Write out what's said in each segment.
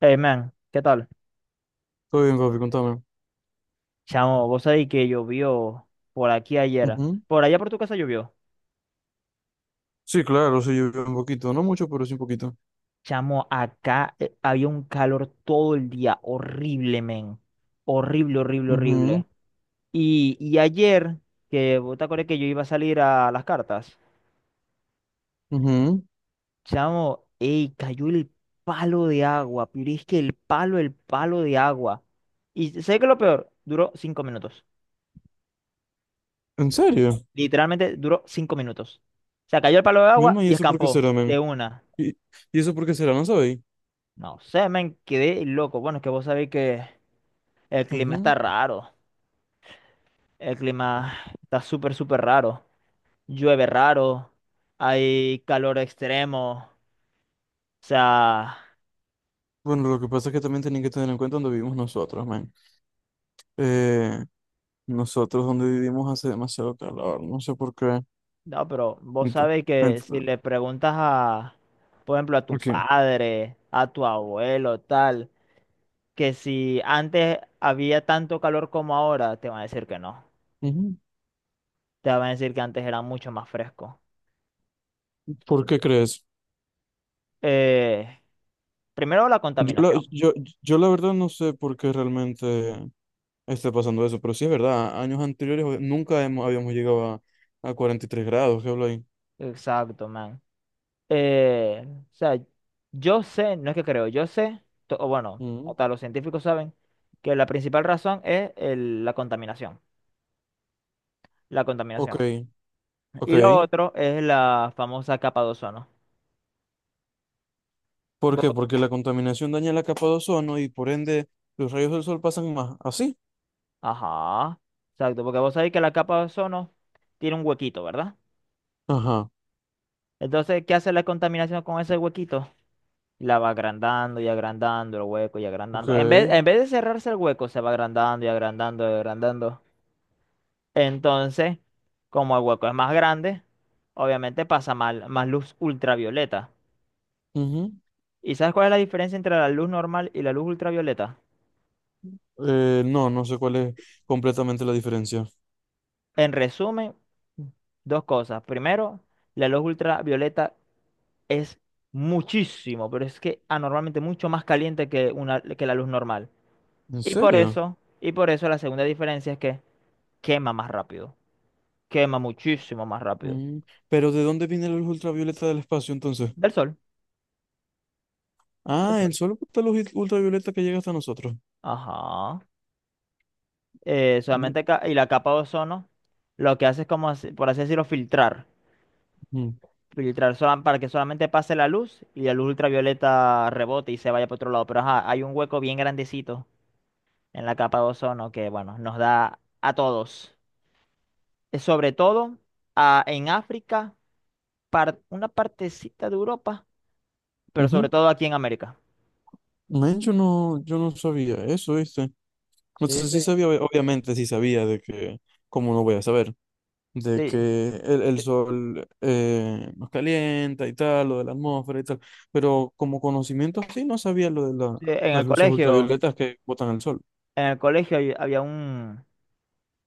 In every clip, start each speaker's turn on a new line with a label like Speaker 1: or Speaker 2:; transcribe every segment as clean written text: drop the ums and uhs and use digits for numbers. Speaker 1: Hey man, ¿qué tal?
Speaker 2: Todo bien, papi, contame.
Speaker 1: Chamo, vos sabés que llovió por aquí ayer.
Speaker 2: Ujú.
Speaker 1: Por allá por tu casa llovió.
Speaker 2: Sí, claro, sí llovió un poquito, no mucho, pero sí un poquito.
Speaker 1: Chamo, acá había un calor todo el día. Horrible, men. Horrible, horrible,
Speaker 2: Ujú,
Speaker 1: horrible. Y ayer, que vos te acordás que yo iba a salir a las cartas.
Speaker 2: ujú.
Speaker 1: Chamo, ey, cayó el palo de agua. Pero es que el palo de agua. Y sé que lo peor, duró 5 minutos.
Speaker 2: ¿En serio?
Speaker 1: Literalmente duró 5 minutos. Se cayó el palo de
Speaker 2: Mi
Speaker 1: agua
Speaker 2: hermano, ¿y
Speaker 1: y
Speaker 2: eso por qué
Speaker 1: escampó
Speaker 2: será,
Speaker 1: de
Speaker 2: men?
Speaker 1: una.
Speaker 2: ¿Y, y eso por qué será? ¿No sabéis?
Speaker 1: No sé, me quedé loco. Bueno, es que vos sabéis que el clima
Speaker 2: Ujú.
Speaker 1: está raro. El clima está súper, súper raro. Llueve raro. Hay calor extremo. O sea,
Speaker 2: Bueno, lo que pasa es que también tenéis que tener en cuenta dónde vivimos nosotros, men. Eh, Nosotros donde vivimos hace demasiado calor, no sé por qué.
Speaker 1: no, pero vos
Speaker 2: Ento-
Speaker 1: sabéis que
Speaker 2: ento-
Speaker 1: si le preguntas a, por ejemplo, a tu
Speaker 2: ok.
Speaker 1: padre, a tu abuelo, tal, que si antes había tanto calor como ahora, te van a decir que no.
Speaker 2: Ujú.
Speaker 1: Te van a decir que antes era mucho más fresco.
Speaker 2: ¿Por qué crees?
Speaker 1: Eh, Primero la
Speaker 2: Yo la,
Speaker 1: contaminación.
Speaker 2: yo, yo la verdad no sé por qué realmente esté pasando eso. Pero sí es verdad, años anteriores nunca hemos- habíamos llegado a 43 grados, ¿qué hablo ahí?
Speaker 1: Exacto, man. Eh, o sea, yo sé, no es que creo, yo sé, o bueno,
Speaker 2: Mm.
Speaker 1: hasta los científicos saben que la principal razón es la contaminación, la
Speaker 2: Ok,
Speaker 1: contaminación. Y lo
Speaker 2: ok.
Speaker 1: otro es la famosa capa de ozono.
Speaker 2: ¿Por qué?
Speaker 1: Vo-
Speaker 2: Porque la contaminación daña la capa de ozono y por ende los rayos del sol pasan más. ¿Así?
Speaker 1: Ajá, exacto, porque vos sabéis que la capa de ozono tiene un huequito, ¿verdad?
Speaker 2: Ajá,
Speaker 1: Entonces, ¿qué hace la contaminación con ese huequito? La va agrandando y agrandando el hueco y agrandando. En vez,
Speaker 2: ok.
Speaker 1: en vez de cerrarse el hueco, se va agrandando y agrandando y agrandando. Entonces, como el hueco es más grande, obviamente más luz ultravioleta.
Speaker 2: Ujú.
Speaker 1: ¿Y sabes cuál es la diferencia entre la luz normal y la luz ultravioleta?
Speaker 2: No, no sé cuál es completamente la diferencia.
Speaker 1: En resumen, dos cosas. Primero, la luz ultravioleta es muchísimo, pero es que anormalmente mucho más caliente que una, que la luz normal.
Speaker 2: ¿En
Speaker 1: Y por
Speaker 2: serio?
Speaker 1: eso, y por eso la segunda diferencia es que quema más rápido. Quema muchísimo más rápido.
Speaker 2: Mm. Pero ¿de dónde viene la luz ultravioleta del espacio entonces?
Speaker 1: Del sol, del
Speaker 2: Ah, el
Speaker 1: sol.
Speaker 2: sol bota luz ultravioleta que llega hasta nosotros.
Speaker 1: Ajá.
Speaker 2: Me-
Speaker 1: Solamente y la capa de ozono lo que hace es como, por así decirlo, filtrar.
Speaker 2: Ujú,
Speaker 1: Para que solamente pase la luz y la luz ultravioleta rebote y se vaya para otro lado. Pero ajá, hay un hueco bien grandecito en la capa de ozono que, bueno, nos da a todos. Sobre todo en África, una partecita de Europa, pero
Speaker 2: ujú.
Speaker 1: sobre todo aquí en América.
Speaker 2: Men, yo no sabía eso, ¿viste? O
Speaker 1: Sí,
Speaker 2: sea, sí
Speaker 1: sí.
Speaker 2: sabía, obviamente sí sabía de que, ¿cómo no voy a saber? De
Speaker 1: Sí,
Speaker 2: que el
Speaker 1: yo-
Speaker 2: sol nos calienta y tal, lo de la atmósfera y tal, pero como conocimiento sí no sabía
Speaker 1: sí,
Speaker 2: las luces ultravioletas que botan el sol.
Speaker 1: en el colegio había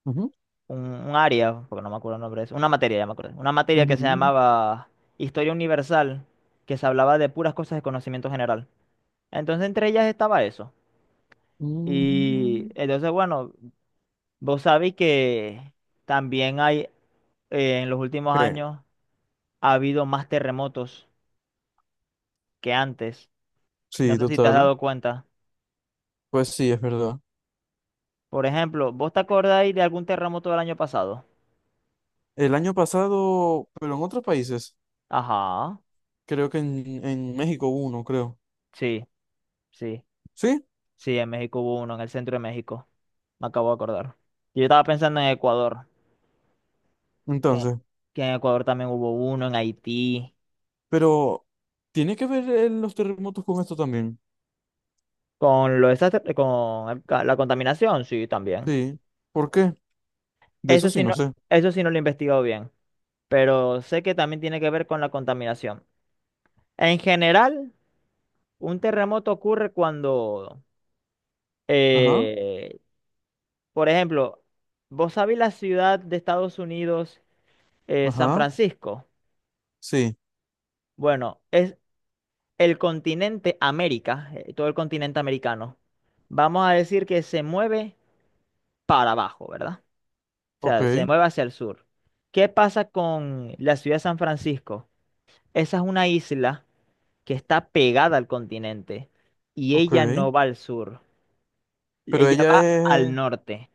Speaker 2: Ujú,
Speaker 1: un área, porque no me acuerdo el nombre de eso, una materia, ya me acuerdo, una materia que se
Speaker 2: ujú,
Speaker 1: llamaba Historia Universal, que se hablaba de puras cosas de conocimiento general. Entonces, entre ellas estaba eso. Y
Speaker 2: mm,
Speaker 1: entonces, bueno, vos sabéis que también hay, en los últimos
Speaker 2: ok.
Speaker 1: años, ha habido más terremotos que antes. No
Speaker 2: Sí,
Speaker 1: sé si te has
Speaker 2: total.
Speaker 1: dado cuenta.
Speaker 2: Pues sí, es verdad.
Speaker 1: Por ejemplo, ¿vos te acordáis de algún terremoto del año pasado?
Speaker 2: El año pasado, pero en otros países,
Speaker 1: Ajá,
Speaker 2: creo que en México hubo uno, creo.
Speaker 1: sí, sí.
Speaker 2: ¿Sí?
Speaker 1: Sí, en México hubo uno, en el centro de México. Me acabo de acordar. Yo estaba pensando en Ecuador, que,
Speaker 2: Entonces,
Speaker 1: que en Ecuador también hubo uno, en Haití.
Speaker 2: pero ¿tiene que ver los terremotos con esto también?
Speaker 1: Con la contaminación, sí, también.
Speaker 2: Sí. ¿Por qué? De
Speaker 1: Eso
Speaker 2: eso sí
Speaker 1: sí
Speaker 2: no
Speaker 1: no,
Speaker 2: sé.
Speaker 1: eso sí no lo he investigado bien, pero sé que también tiene que ver con la contaminación. En general, un terremoto ocurre cuando,
Speaker 2: Ajá,
Speaker 1: eh, por ejemplo, vos sabés la ciudad de Estados Unidos, San
Speaker 2: ajá.
Speaker 1: Francisco.
Speaker 2: Sí.
Speaker 1: Bueno, es, el continente América, todo el continente americano, vamos a decir que se mueve para abajo, ¿verdad? O
Speaker 2: Ok,
Speaker 1: sea, se mueve hacia el sur. ¿Qué pasa con la ciudad de San Francisco? Esa es una isla que está pegada al continente y
Speaker 2: ok.
Speaker 1: ella no va al sur,
Speaker 2: Pero
Speaker 1: ella
Speaker 2: ella
Speaker 1: va al
Speaker 2: es.
Speaker 1: norte.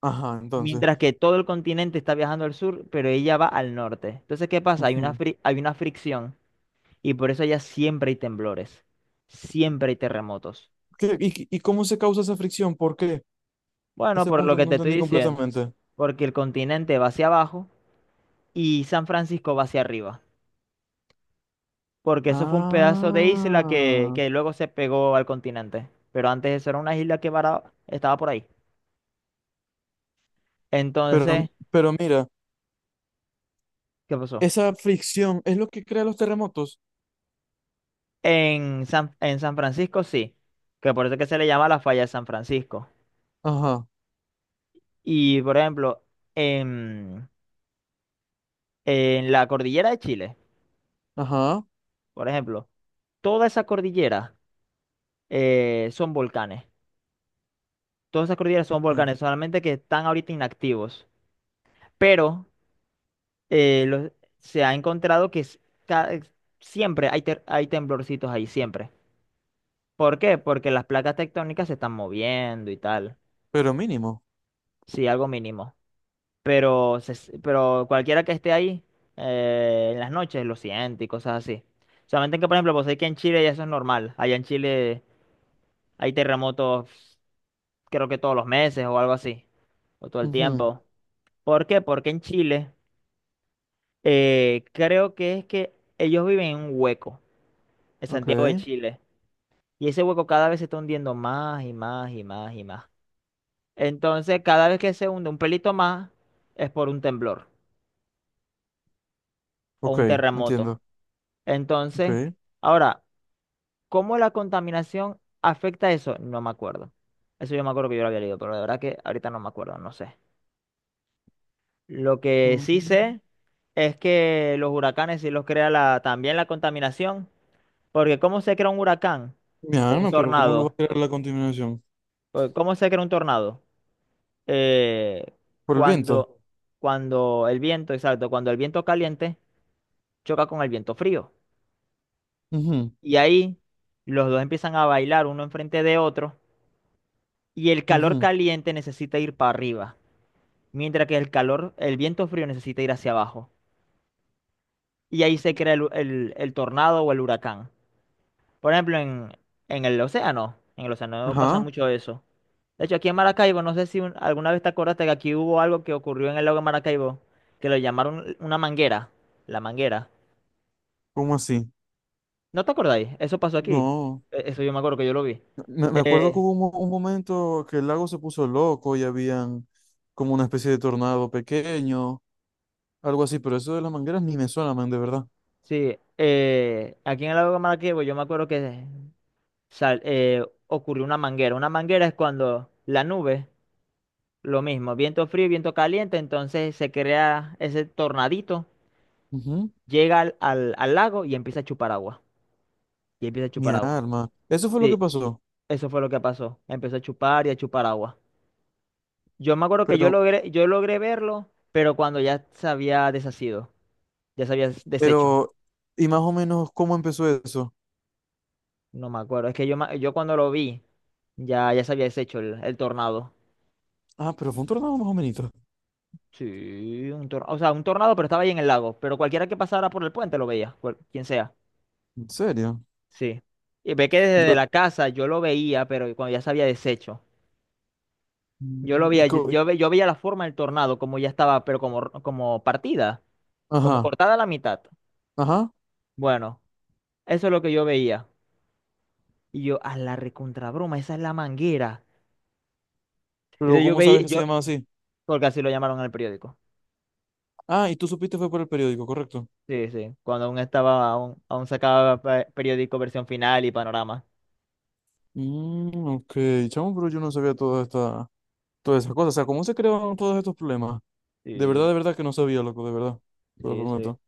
Speaker 2: Ajá, entonces.
Speaker 1: Mientras que todo el continente está viajando al sur, pero ella va al norte. Entonces, ¿qué pasa?
Speaker 2: Ujú.
Speaker 1: Hay una fricción y por eso allá siempre hay temblores, siempre hay terremotos.
Speaker 2: ¿Y cómo se causa esa fricción? ¿Por qué?
Speaker 1: Bueno,
Speaker 2: Ese
Speaker 1: por lo
Speaker 2: punto
Speaker 1: que
Speaker 2: no
Speaker 1: te estoy
Speaker 2: entendí
Speaker 1: diciendo,
Speaker 2: completamente.
Speaker 1: porque el continente va hacia abajo y San Francisco va hacia arriba, porque eso fue un pedazo de isla
Speaker 2: Ah.
Speaker 1: que luego se pegó al continente, pero antes eso era una isla que estaba por ahí.
Speaker 2: Pero,
Speaker 1: Entonces,
Speaker 2: pero mira,
Speaker 1: ¿qué pasó?
Speaker 2: esa fricción es lo que crea los terremotos.
Speaker 1: En San Francisco sí, que por eso es que se le llama la falla de San Francisco.
Speaker 2: Ajá,
Speaker 1: Y por ejemplo, en, en la cordillera de Chile,
Speaker 2: ajá.
Speaker 1: por ejemplo, toda esa cordillera son volcanes. Todas esas cordilleras son
Speaker 2: Mm.
Speaker 1: volcanes, solamente que están ahorita inactivos. Pero eh, lo- se ha encontrado que ca- siempre hay, hay temblorcitos ahí, siempre. ¿Por qué? Porque las placas tectónicas se están moviendo y tal.
Speaker 2: Pero mínimo.
Speaker 1: Sí, algo mínimo. Pero, pero cualquiera que esté ahí en las noches lo siente y cosas así. Solamente que, por ejemplo, pues hay que en Chile ya eso es normal. Allá en Chile hay terremotos, creo que todos los meses o algo así. O todo el
Speaker 2: Ujú.
Speaker 1: tiempo. ¿Por qué? Porque en Chile. Creo que es que ellos viven en un hueco, en
Speaker 2: Ok,
Speaker 1: Santiago de Chile, y ese hueco cada vez se está hundiendo más y más y más y más. Entonces, cada vez que se hunde un pelito más, es por un temblor o un
Speaker 2: ok,
Speaker 1: terremoto.
Speaker 2: entiendo.
Speaker 1: Entonces,
Speaker 2: Ok.
Speaker 1: ahora, ¿cómo la contaminación afecta eso? No me acuerdo. Eso yo me acuerdo que yo lo había leído, pero de verdad que ahorita no me acuerdo, no sé. Lo que sí
Speaker 2: Mm.
Speaker 1: sé es que los huracanes sí los crea la, también la contaminación. Porque ¿cómo se crea un huracán
Speaker 2: Mi
Speaker 1: o un
Speaker 2: alma, pero ¿cómo lo va a
Speaker 1: tornado?
Speaker 2: crear la continuación?
Speaker 1: Porque ¿cómo se crea un tornado? Eh,
Speaker 2: Por el viento.
Speaker 1: cuando, Cuando el viento, exacto, cuando el viento caliente choca con el viento frío.
Speaker 2: Ujú,
Speaker 1: Y ahí los dos empiezan a bailar uno enfrente de otro y el calor
Speaker 2: ujú.
Speaker 1: caliente necesita ir para arriba, mientras que el calor, el viento frío necesita ir hacia abajo. Y ahí se crea el tornado o el huracán. Por ejemplo, en el océano pasa
Speaker 2: Ajá,
Speaker 1: mucho eso. De hecho, aquí en Maracaibo, no sé si alguna vez te acordaste que aquí hubo algo que ocurrió en el lago de Maracaibo, que lo llamaron una manguera, la manguera.
Speaker 2: ¿cómo así?
Speaker 1: ¿No te acordáis? Eso pasó aquí.
Speaker 2: No,
Speaker 1: Eso yo me acuerdo que yo lo vi.
Speaker 2: me acuerdo que
Speaker 1: Eh,
Speaker 2: hubo un momento que el lago se puso loco y habían como una especie de tornado pequeño, algo así, pero eso de las mangueras ni me suena, man, de verdad.
Speaker 1: sí, Aquí en el lago de Maracaibo yo me acuerdo que ocurrió una manguera. Una manguera es cuando la nube, lo mismo, viento frío, viento caliente, entonces se crea ese tornadito,
Speaker 2: Ujú.
Speaker 1: llega al lago y empieza a chupar agua. Y empieza a
Speaker 2: Mi
Speaker 1: chupar agua.
Speaker 2: alma. Eso fue lo que
Speaker 1: Sí,
Speaker 2: pasó,
Speaker 1: eso fue lo que pasó. Empezó a chupar y a chupar agua. Yo me acuerdo que yo
Speaker 2: pero,
Speaker 1: logré, Yo logré verlo, pero cuando ya se había deshacido, ya se había deshecho.
Speaker 2: pero, y más o menos, ¿cómo empezó eso?
Speaker 1: No me acuerdo. Es que yo, yo cuando lo vi, ya se había deshecho el tornado.
Speaker 2: Ah, pero fue un tornado más o menos.
Speaker 1: Sí, un tornado. O sea, un tornado, pero estaba ahí en el lago. Pero cualquiera que pasara por el puente lo veía, quien sea.
Speaker 2: ¿En serio?
Speaker 1: Sí. Y ve que desde
Speaker 2: Yo,
Speaker 1: la casa yo lo veía, pero cuando ya se había deshecho. Yo lo
Speaker 2: Mm, y
Speaker 1: veía, yo,
Speaker 2: co-
Speaker 1: yo ve- Yo veía la forma del tornado, como ya estaba, pero como, como partida, como
Speaker 2: ajá,
Speaker 1: cortada a la mitad.
Speaker 2: ajá,
Speaker 1: Bueno. Eso es lo que yo veía. Y yo, a la recontrabroma, esa es la manguera.
Speaker 2: pero
Speaker 1: Entonces yo
Speaker 2: ¿cómo
Speaker 1: veía,
Speaker 2: sabes que se
Speaker 1: yo,
Speaker 2: llama así?
Speaker 1: Porque así lo llamaron en el periódico.
Speaker 2: Ah, y tú supiste fue por el periódico, correcto.
Speaker 1: Sí, sí. Cuando aún estaba, aún, aún sacaba periódico Versión Final y Panorama.
Speaker 2: Mm, ok, chamo, pero yo no sabía todas esas cosas. O sea, ¿cómo se creaban todos estos problemas?
Speaker 1: Sí,
Speaker 2: De verdad que no sabía, loco, de verdad. Te lo
Speaker 1: sí, sí.
Speaker 2: prometo.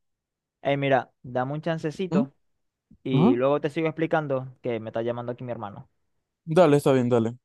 Speaker 1: Ey, mira, dame un
Speaker 2: ¿Mm?
Speaker 1: chancecito
Speaker 2: Ajá.
Speaker 1: y luego te sigo explicando que me está llamando aquí mi hermano.
Speaker 2: Dale, está bien, dale.